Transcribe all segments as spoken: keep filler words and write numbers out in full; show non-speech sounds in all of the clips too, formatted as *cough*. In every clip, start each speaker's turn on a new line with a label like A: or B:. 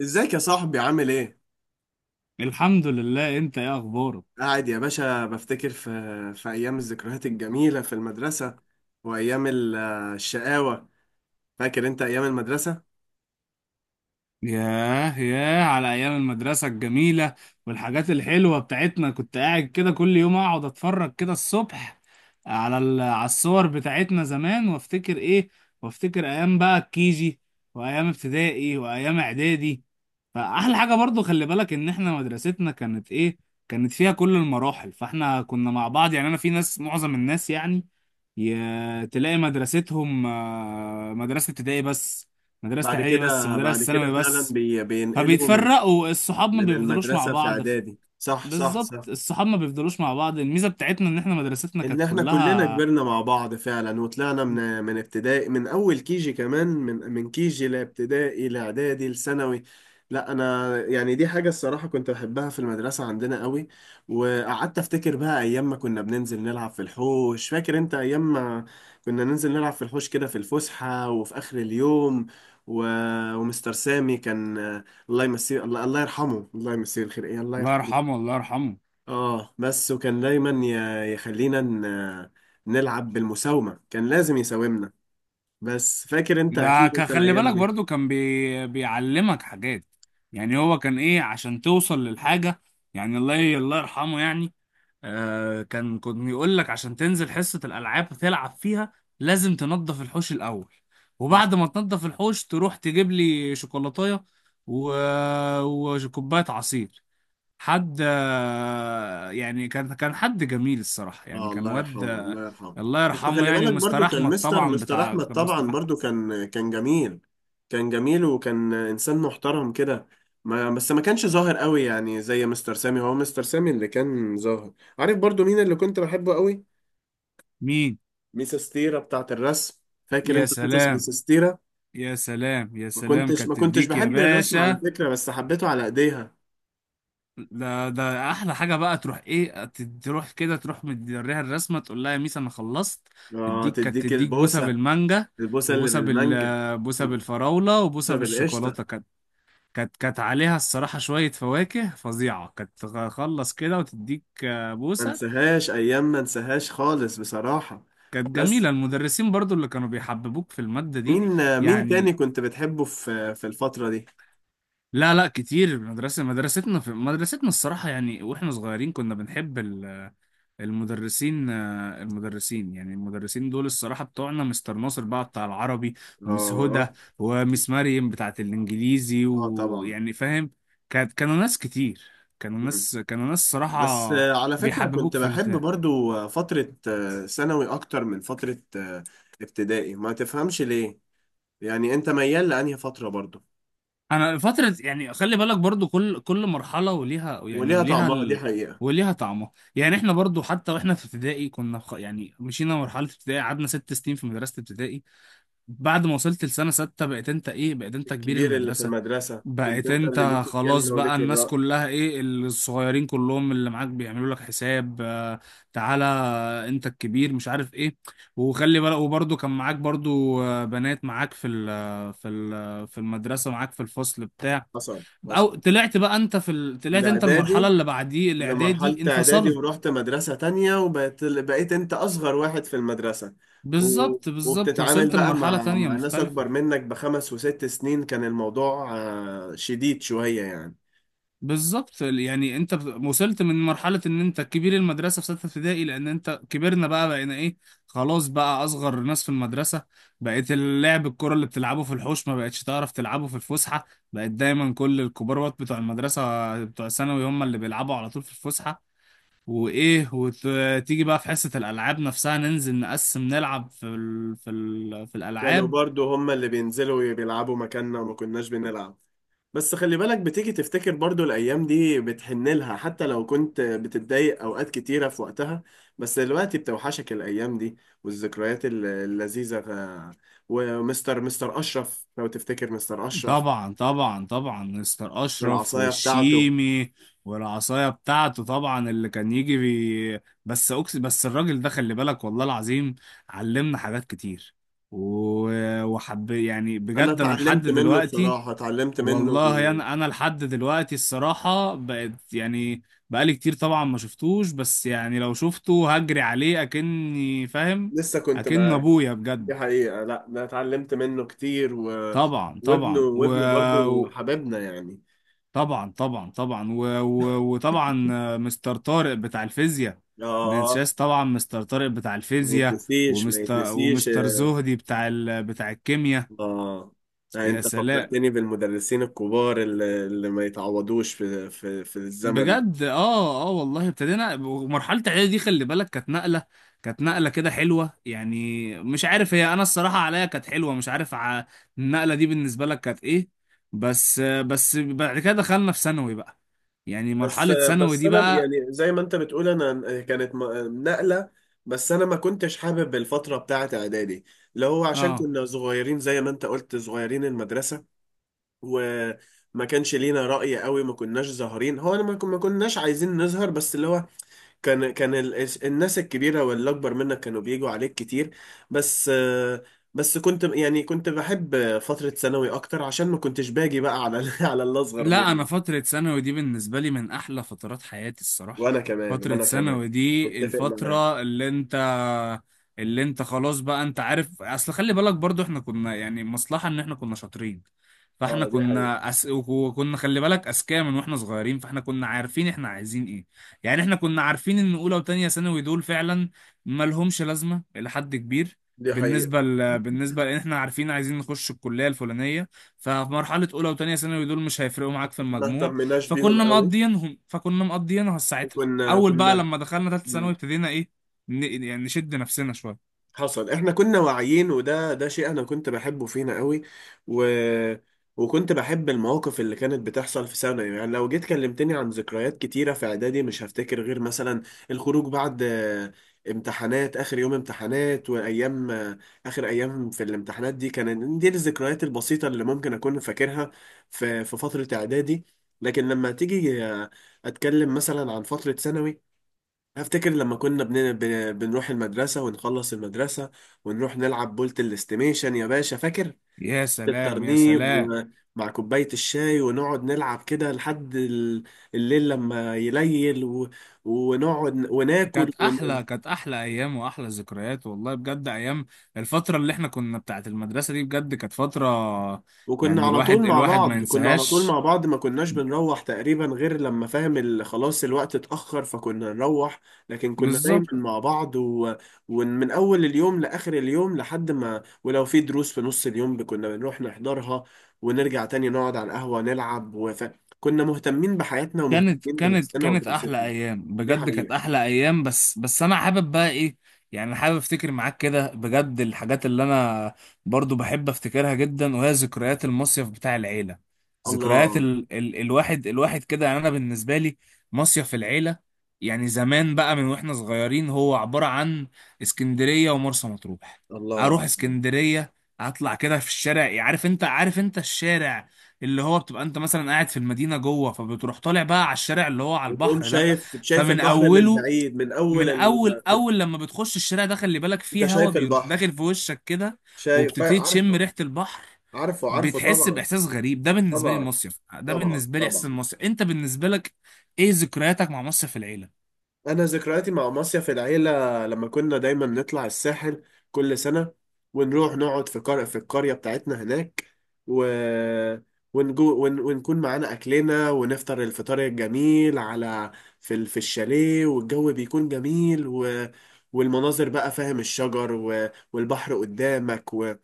A: ازيك يا صاحبي عامل ايه؟
B: الحمد لله. انت ايه اخبارك؟
A: قاعد يا باشا بفتكر في في ايام الذكريات الجميلة في المدرسة، وايام ال- الشقاوة. فاكر انت ايام المدرسة؟
B: ياه ياه، على ايام المدرسه الجميله والحاجات الحلوه بتاعتنا. كنت قاعد كده كل يوم، اقعد اتفرج كده الصبح على ال- على الصور بتاعتنا زمان، وافتكر ايه، وافتكر ايام بقى الكيجي وايام ابتدائي وايام اعدادي. فاحلى حاجه برضو، خلي بالك ان احنا مدرستنا كانت ايه، كانت فيها كل المراحل. فاحنا كنا مع بعض. يعني انا في ناس، معظم الناس يعني ي- تلاقي مدرستهم، آه، مدرسة ابتدائي بس، مدرسة
A: بعد
B: اعدادي بس،
A: كده
B: مدرسة
A: بعد كده
B: ثانوي
A: فعلا
B: بس.
A: بي بينقلوا من
B: فبيتفرقوا الصحاب، ما
A: من
B: بيفضلوش مع
A: المدرسة في
B: بعض. ف-
A: اعدادي. صح، صح،
B: بالظبط،
A: صح.
B: الصحاب ما بيفضلوش مع بعض. الميزة بتاعتنا ان احنا مدرستنا
A: ان
B: كانت
A: احنا كلنا
B: كلها.
A: كبرنا مع بعض فعلا، وطلعنا من من ابتدائي، من اول كيجي كمان، من من كيجي لابتدائي لاعدادي لثانوي. لا، انا يعني دي حاجه الصراحه كنت بحبها في المدرسه عندنا قوي. وقعدت افتكر بقى ايام ما كنا بننزل نلعب في الحوش. فاكر انت ايام ما كنا ننزل نلعب في الحوش كده في الفسحه وفي اخر اليوم؟ و... ومستر سامي كان، الله يمسيه، الله الله يرحمه، الله يمسيه الخير. ايه، الله
B: الله
A: يرحمه.
B: يرحمه، الله يرحمه.
A: اه، بس وكان دايما ي- يخلينا ن- نلعب بالمساومة. كان لازم يساومنا، بس فاكر انت
B: ده
A: اكيد
B: ك-
A: انت
B: خلي
A: الايام
B: بالك
A: دي.
B: برضو، كان بي... بيعلمك حاجات. يعني هو كان ايه عشان توصل للحاجة يعني. الله، الله يرحمه يعني. آه كان كان يقول لك عشان تنزل حصة الألعاب تلعب فيها، لازم تنظف الحوش الأول،
A: حصل.
B: وبعد ما تنظف الحوش تروح تجيب لي شوكولاتاية و... وكوباية عصير. حد، آه، يعني كان كان حد جميل الصراحة. يعني
A: اه،
B: كان
A: الله يرحمه،
B: واد. آه،
A: الله يرحمه.
B: الله
A: بس
B: يرحمه
A: خلي
B: يعني.
A: بالك
B: ومستر
A: برضو كان
B: أحمد
A: مستر
B: طبعا،
A: مستر
B: بتاع
A: احمد
B: كان مستر
A: طبعا،
B: أحمد.
A: برضو كان كان جميل. كان جميل، وكان انسان محترم كده. ما بس ما كانش ظاهر قوي، يعني زي مستر سامي. هو مستر سامي اللي كان ظاهر. عارف برضو مين اللي كنت بحبه قوي؟
B: مين؟
A: ميس ستيرة بتاعت الرسم. فاكر
B: يا
A: انت حصص
B: سلام،
A: ميس ستيرة؟
B: يا سلام، يا
A: ما
B: سلام،
A: كنتش ما
B: كانت
A: كنتش
B: تديك يا
A: بحب الرسم على
B: باشا.
A: فكرة، بس حبيته على ايديها.
B: ده ده احلى حاجه، بقى تروح ايه، ت- تروح كده، تروح مديها الرسمه، تقول لها يا ميس انا خلصت،
A: اه،
B: تديك. كانت
A: تديك
B: تديك بوسه
A: البوسة.
B: بالمانجا،
A: البوسة اللي
B: وبوسه
A: بالمانجا.
B: بال بوسه
A: البوسة
B: بالفراوله، وبوسه
A: بالقشطة.
B: بالشوكولاته. كانت كانت كانت عليها الصراحه شويه فواكه فظيعه، كانت تخلص كده وتديك، آه،
A: ما
B: بوسه.
A: انساهاش ايام، ما انساهاش خالص بصراحة.
B: كانت جميله
A: بس
B: المدرسين برضو اللي كانوا بيحببوك في الماده دي.
A: مين مين تاني
B: يعني
A: كنت بتحبه في في الفترة دي؟
B: لا، لا، كتير. المدرسه، مدرستنا، في مدرستنا الصراحه يعني واحنا صغيرين كنا بنحب المدرسين، آه، المدرسين، يعني المدرسين دول الصراحة بتوعنا مستر ناصر بقى بتاع العربي، ومس هدى،
A: اه،
B: ومس مريم بتاعة الإنجليزي،
A: اه، طبعا.
B: ويعني فاهم. كانت، كانوا ناس كتير، كانوا
A: مم.
B: ناس كانوا ناس
A: بس
B: صراحة
A: آه، على فكرة
B: بيحببوك
A: كنت
B: في
A: بحب
B: الامتحان.
A: برضو آه، فترة آه، ثانوي اكتر من فترة آه، ابتدائي، ما تفهمش ليه. يعني انت ميال لانهي فترة برضو؟
B: أنا فترة يعني، خلي بالك برضو، كل كل مرحلة وليها، يعني
A: وليها
B: وليها
A: طعمها، دي
B: ال...
A: حقيقة.
B: وليها طعمها. يعني احنا برضو حتى واحنا في ابتدائي، كنا خ- يعني مشينا مرحلة ابتدائي، قعدنا ست سنين في مدرسة ابتدائي. بعد ما وصلت لسنة ستة، بقيت انت ايه، بقيت انت كبير
A: الكبير اللي في
B: المدرسة.
A: المدرسة كنت
B: بقيت
A: انت اللي ليك
B: انت خلاص
A: الكلمة
B: بقى،
A: وليك
B: الناس
A: الرأي.
B: كلها ايه، الصغيرين كلهم اللي معاك بيعملوا لك حساب. آه، تعالى، انت الكبير، مش عارف ايه. وخلي بالك، وبرده كان معاك برضو، آه، بنات معاك في ال في ال في المدرسة، معاك في الفصل بتاع.
A: حصل، حصل.
B: او طلعت بقى انت في ال... طلعت انت المرحلة
A: الإعدادي.
B: اللي بعديه الاعدادي،
A: لمرحلة إعدادي
B: انفصلت.
A: ورحت مدرسة تانية، وبقيت بقيت انت أصغر واحد في المدرسة. و...
B: بالظبط، بالظبط،
A: وبتتعامل
B: وصلت
A: بقى
B: لمرحلة
A: مع
B: تانية
A: مع ناس أكبر
B: مختلفة.
A: منك بخمس وست سنين. كان الموضوع آه، شديد شوية يعني.
B: بالظبط، يعني انت بت- وصلت من مرحلة ان انت كبير المدرسة في ستة ابتدائي، لان انت، كبرنا بقى، بقينا ايه، خلاص بقى اصغر ناس في المدرسة. بقيت اللعب، الكرة اللي بتلعبه في الحوش ما بقتش تعرف تلعبه في الفسحة. بقت دايما كل الكبار وات بتوع المدرسة بتوع الثانوي هم اللي بيلعبوا على طول في الفسحة. وايه، وتيجي بقى في حصة الالعاب نفسها، ننزل نقسم نلعب في ال... في ال... في
A: كانوا
B: الالعاب.
A: برضو هم اللي بينزلوا بيلعبوا مكاننا، وما كناش بنلعب. بس خلي بالك بتيجي تفتكر برضو الأيام دي، بتحن لها حتى لو كنت بتتضايق أوقات كتيرة في وقتها. بس دلوقتي بتوحشك الأيام دي، والذكريات ال- اللذيذة. ف- ومستر مستر أشرف، لو تفتكر مستر أشرف.
B: طبعا، طبعا، طبعا، مستر اشرف
A: العصاية بتاعته.
B: والشيمي، والعصايه بتاعته طبعا، اللي كان يجي بي... بس أكس... بس الراجل ده، خلي بالك، والله العظيم علمنا حاجات كتير، و... وحب يعني
A: أنا
B: بجد. انا لحد
A: اتعلمت منه
B: دلوقتي،
A: بصراحة، اتعلمت منه.
B: والله انا انا لحد دلوقتي الصراحه بقت يعني بقالي كتير طبعا ما شفتوش، بس يعني لو شفته هجري عليه اكني فاهم،
A: لسه كنت
B: اكن
A: معاه.
B: ابويا
A: دي
B: بجد.
A: حقيقة. لا، أنا اتعلمت منه كتير. و...
B: طبعا،
A: وابنه
B: طبعا، و...
A: وابنه برضو حبيبنا يعني.
B: طبعا، طبعا، طبعا، و... و... وطبعا، آه، مستر طارق بتاع الفيزياء.
A: آه.
B: ننساش طبعا مستر طارق بتاع
A: ما
B: الفيزياء.
A: يتنسيش، ما
B: ومستر
A: يتنسيش.
B: ومستر زهدي بتاع ال... بتاع الكيمياء.
A: اه،
B: يا
A: انت
B: سلام،
A: فكرتني بالمدرسين الكبار اللي, اللي ما يتعوضوش في, في, في الزمن.
B: بجد. اه، اه، والله ابتدينا. ومرحلة اعدادي دي، خلي بالك، كانت نقلة كانت نقلة كده حلوة، يعني مش عارف، هي انا الصراحة عليا كانت حلوة، مش عارف ع... النقلة دي بالنسبة لك كانت ايه؟ بس آه، بس بعد كده دخلنا في ثانوي بقى، يعني
A: بس
B: مرحلة ثانوي
A: بس
B: دي
A: انا
B: بقى.
A: يعني زي ما انت بتقول، انا كانت م- نقلة. بس انا ما كنتش حابب الفترة بتاعت اعدادي، اللي هو عشان
B: اه،
A: كنا صغيرين، زي ما انت قلت صغيرين المدرسة، وما كانش لينا رأي قوي. ما كناش ظاهرين، هو انا ما كن- ما كناش عايزين نظهر. بس اللي هو كان كان ال- الناس الكبيرة واللي أكبر منك كانوا بيجوا عليك كتير. بس بس كنت يعني كنت بحب فترة ثانوي أكتر، عشان ما كنتش باجي بقى على *laughs* ال- على اللي أصغر
B: لا، انا
A: مني.
B: فتره ثانوي دي بالنسبه لي من احلى فترات حياتي الصراحه.
A: وأنا كمان،
B: فتره
A: وأنا كمان.
B: ثانوي دي
A: متفق معاك.
B: الفتره، اللي انت اللي انت خلاص بقى، انت عارف، اصل خلي بالك برضو احنا كنا يعني مصلحه ان احنا كنا شاطرين. فاحنا
A: اه، دي حقيقة.
B: كنا أس... وكنا خلي بالك اذكياء من واحنا صغيرين، فاحنا كنا عارفين احنا عايزين ايه. يعني احنا كنا عارفين ان اولى وتانية ثانوي دول فعلا مالهمش لازمه الى حد كبير.
A: دي حقيقة.
B: بالنسبه ل... بالنسبه لان احنا عارفين عايزين نخش الكليه الفلانيه، ففي مرحلة أولى وتانية ثانوي دول مش هيفرقوا معاك في
A: ما
B: المجموع.
A: اهتمناش بيهم
B: فكنا
A: قوي.
B: مقضيينهم، فكنا مقضيينها ساعتها.
A: وكنا
B: أول بقى
A: كنا
B: لما دخلنا تالتة ثانوي، ابتدينا إيه، ن- يعني نشد نفسنا شوية.
A: حصل. احنا كنا واعيين، وده ده شيء انا كنت بحبه فينا قوي. و... وكنت بحب المواقف اللي كانت بتحصل في ثانوي. يعني لو جيت كلمتني عن ذكريات كتيرة في اعدادي، مش هفتكر غير مثلا الخروج بعد آه، امتحانات، اخر يوم امتحانات، وايام آه، اخر ايام في الامتحانات دي. كانت دي الذكريات البسيطة اللي ممكن اكون فاكرها في في فترة اعدادي. لكن لما تيجي آه، اتكلم مثلا عن فترة ثانوي، افتكر لما كنا بن... بن... بنروح المدرسة ونخلص المدرسة، ونروح نلعب بولت الاستيميشن. يا باشا فاكر
B: يا سلام، يا
A: الترنيب
B: سلام.
A: ومع كوباية الشاي؟ ونقعد نلعب كده لحد ال- الليل لما يليل، و... ونقعد وناكل.
B: كانت أحلى كانت أحلى أيام وأحلى ذكريات والله، بجد أيام الفترة اللي إحنا كنا بتاعت المدرسة دي، بجد كانت فترة.
A: وكنا
B: يعني
A: على
B: الواحد
A: طول مع
B: الواحد ما
A: بعض، كنا على طول
B: ينساهاش.
A: مع بعض. ما كناش بنروح تقريبا غير لما فاهم ال- خلاص الوقت اتأخر، فكنا نروح. لكن كنا دايما
B: بالظبط.
A: مع بعض، و... ومن أول اليوم لآخر اليوم، لحد ما، ولو في دروس في نص اليوم كنا بنروح نحضرها، ونرجع تاني نقعد على القهوة نلعب. وف... كنا مهتمين بحياتنا
B: كانت
A: ومهتمين
B: كانت
A: بنفسنا
B: كانت احلى
A: ودراستنا.
B: ايام،
A: دي
B: بجد كانت
A: حقيقة.
B: احلى ايام. بس بس انا حابب بقى ايه، يعني حابب افتكر معاك كده بجد الحاجات اللي انا برضو بحب افتكرها جدا، وهي ذكريات المصيف بتاع العيله. ذكريات
A: الله،
B: ال ال الواحد الواحد كده، يعني انا بالنسبه لي مصيف العيله، يعني زمان بقى من واحنا صغيرين هو عباره عن اسكندريه ومرسى مطروح.
A: الله.
B: اروح اسكندريه، اطلع كده في الشارع، عارف انت عارف انت الشارع، اللي هو بتبقى انت مثلا قاعد في المدينه جوه، فبتروح طالع بقى على الشارع اللي هو على
A: وتقوم
B: البحر ده.
A: شايف، شايف
B: فمن
A: البحر من
B: اوله
A: بعيد، من أول
B: من
A: ال...
B: اول
A: من...
B: اول لما بتخش الشارع ده، خلي بالك،
A: أنت
B: فيه هوا
A: شايف
B: بيروح
A: البحر.
B: داخل في وشك كده،
A: شايف،
B: وبتبتدي
A: عارف.
B: تشم ريحه البحر،
A: عارفه، عارفه
B: بتحس
A: طبعا.
B: باحساس غريب. ده بالنسبه لي
A: طبعا.
B: المصيف، ده
A: طبعا،
B: بالنسبه لي احساس
A: طبعا.
B: المصيف. انت بالنسبه لك، ايه ذكرياتك مع مصيف العيله؟
A: انا ذكرياتي مع مصيف العيله، لما كنا دايما نطلع الساحل كل سنه، ونروح نقعد في قرية في القريه بتاعتنا هناك. و ونجو ون... ونكون معانا اكلنا، ونفطر الفطار الجميل على، في ال... في الشاليه، والجو بيكون جميل، و... والمناظر بقى فاهم، الشجر، و... والبحر قدامك، و...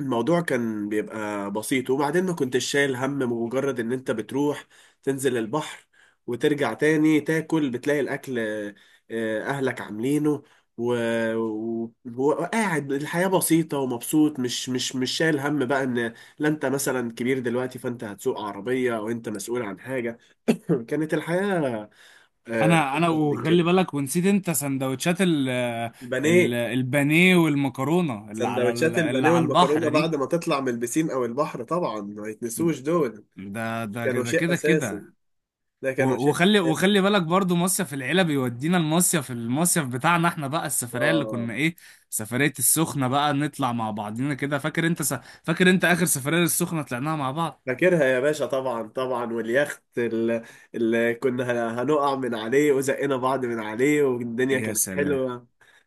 A: الموضوع كان بيبقى بسيط. وبعدين ما كنتش شايل هم، مجرد ان انت بتروح تنزل البحر وترجع تاني تاكل، بتلاقي الاكل آه، اهلك عاملينه، و... و... وقاعد. الحياة بسيطة ومبسوط، مش مش مش شايل هم بقى ان لا، انت مثلا كبير دلوقتي، فانت هتسوق عربية، او انت مسؤول عن حاجة. *laughs* كانت الحياة
B: انا انا
A: أبسط من
B: وخلي
A: كده.
B: بالك، ونسيت انت سندوتشات ال ال
A: البانيه.
B: البانيه والمكرونه اللي على ال-
A: سندوتشات
B: اللي
A: البانيه
B: على
A: والمكرونة
B: البحر دي.
A: بعد ما تطلع من البسين او البحر، طبعا ما يتنسوش دول.
B: ده، ده،
A: كانوا
B: كده
A: شيء
B: كده
A: اساسي.
B: كده.
A: ده كانوا
B: و-
A: شيء
B: وخلي
A: اساسي.
B: وخلي بالك برضو، مصيف العيلة بيودينا المصيف المصيف بتاعنا احنا بقى، السفرية اللي
A: اه،
B: كنا ايه، سفرية السخنة بقى، نطلع مع بعضينا كده. فاكر انت س... فاكر انت اخر سفرية للسخنة طلعناها مع بعض.
A: فاكرها يا باشا، طبعا، طبعا. واليخت اللي, اللي كنا هن- هنقع من عليه، وزقنا بعض من عليه، والدنيا
B: يا
A: كانت
B: سلام.
A: حلوه.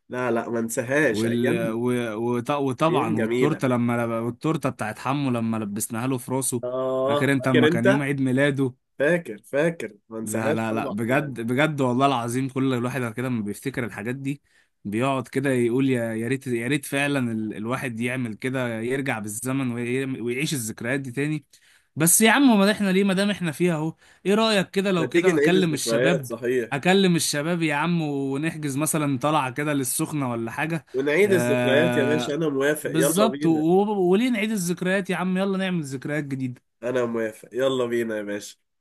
A: لا، لا، ما انساهاش
B: وال...
A: ايام،
B: و... وط...
A: ايام
B: وطبعا
A: جميله.
B: والتورتة لما، والتورتة بتاعت حمو لما لبسناها له في راسه، فاكر
A: اه،
B: انت
A: فاكر
B: اما كان يوم
A: انت،
B: عيد ميلاده.
A: فاكر فاكر، ما
B: لا،
A: انساهاش
B: لا، لا،
A: طبعا يعني.
B: بجد، بجد، والله العظيم، كل الواحد كده لما بيفتكر الحاجات دي، بيقعد كده يقول، يا يا ريت، يا ريت فعلا ال الواحد يعمل كده، يرجع بالزمن وي- ويعيش الذكريات دي تاني. بس يا عم، ما احنا ليه، ما دام احنا فيها اهو. ايه رأيك كده،
A: ما
B: لو
A: تيجي
B: كده
A: نعيد
B: اكلم
A: الذكريات،
B: الشباب،
A: صحيح.
B: اكلم الشباب يا عم، ونحجز مثلا طلعة كده للسخنة ولا حاجة.
A: ونعيد الذكريات يا باشا،
B: آه،
A: انا موافق، يلا
B: بالظبط، و-
A: بينا.
B: و- وليه نعيد الذكريات يا عم، يلا نعمل ذكريات جديدة.
A: انا موافق، يلا بينا يا باشا.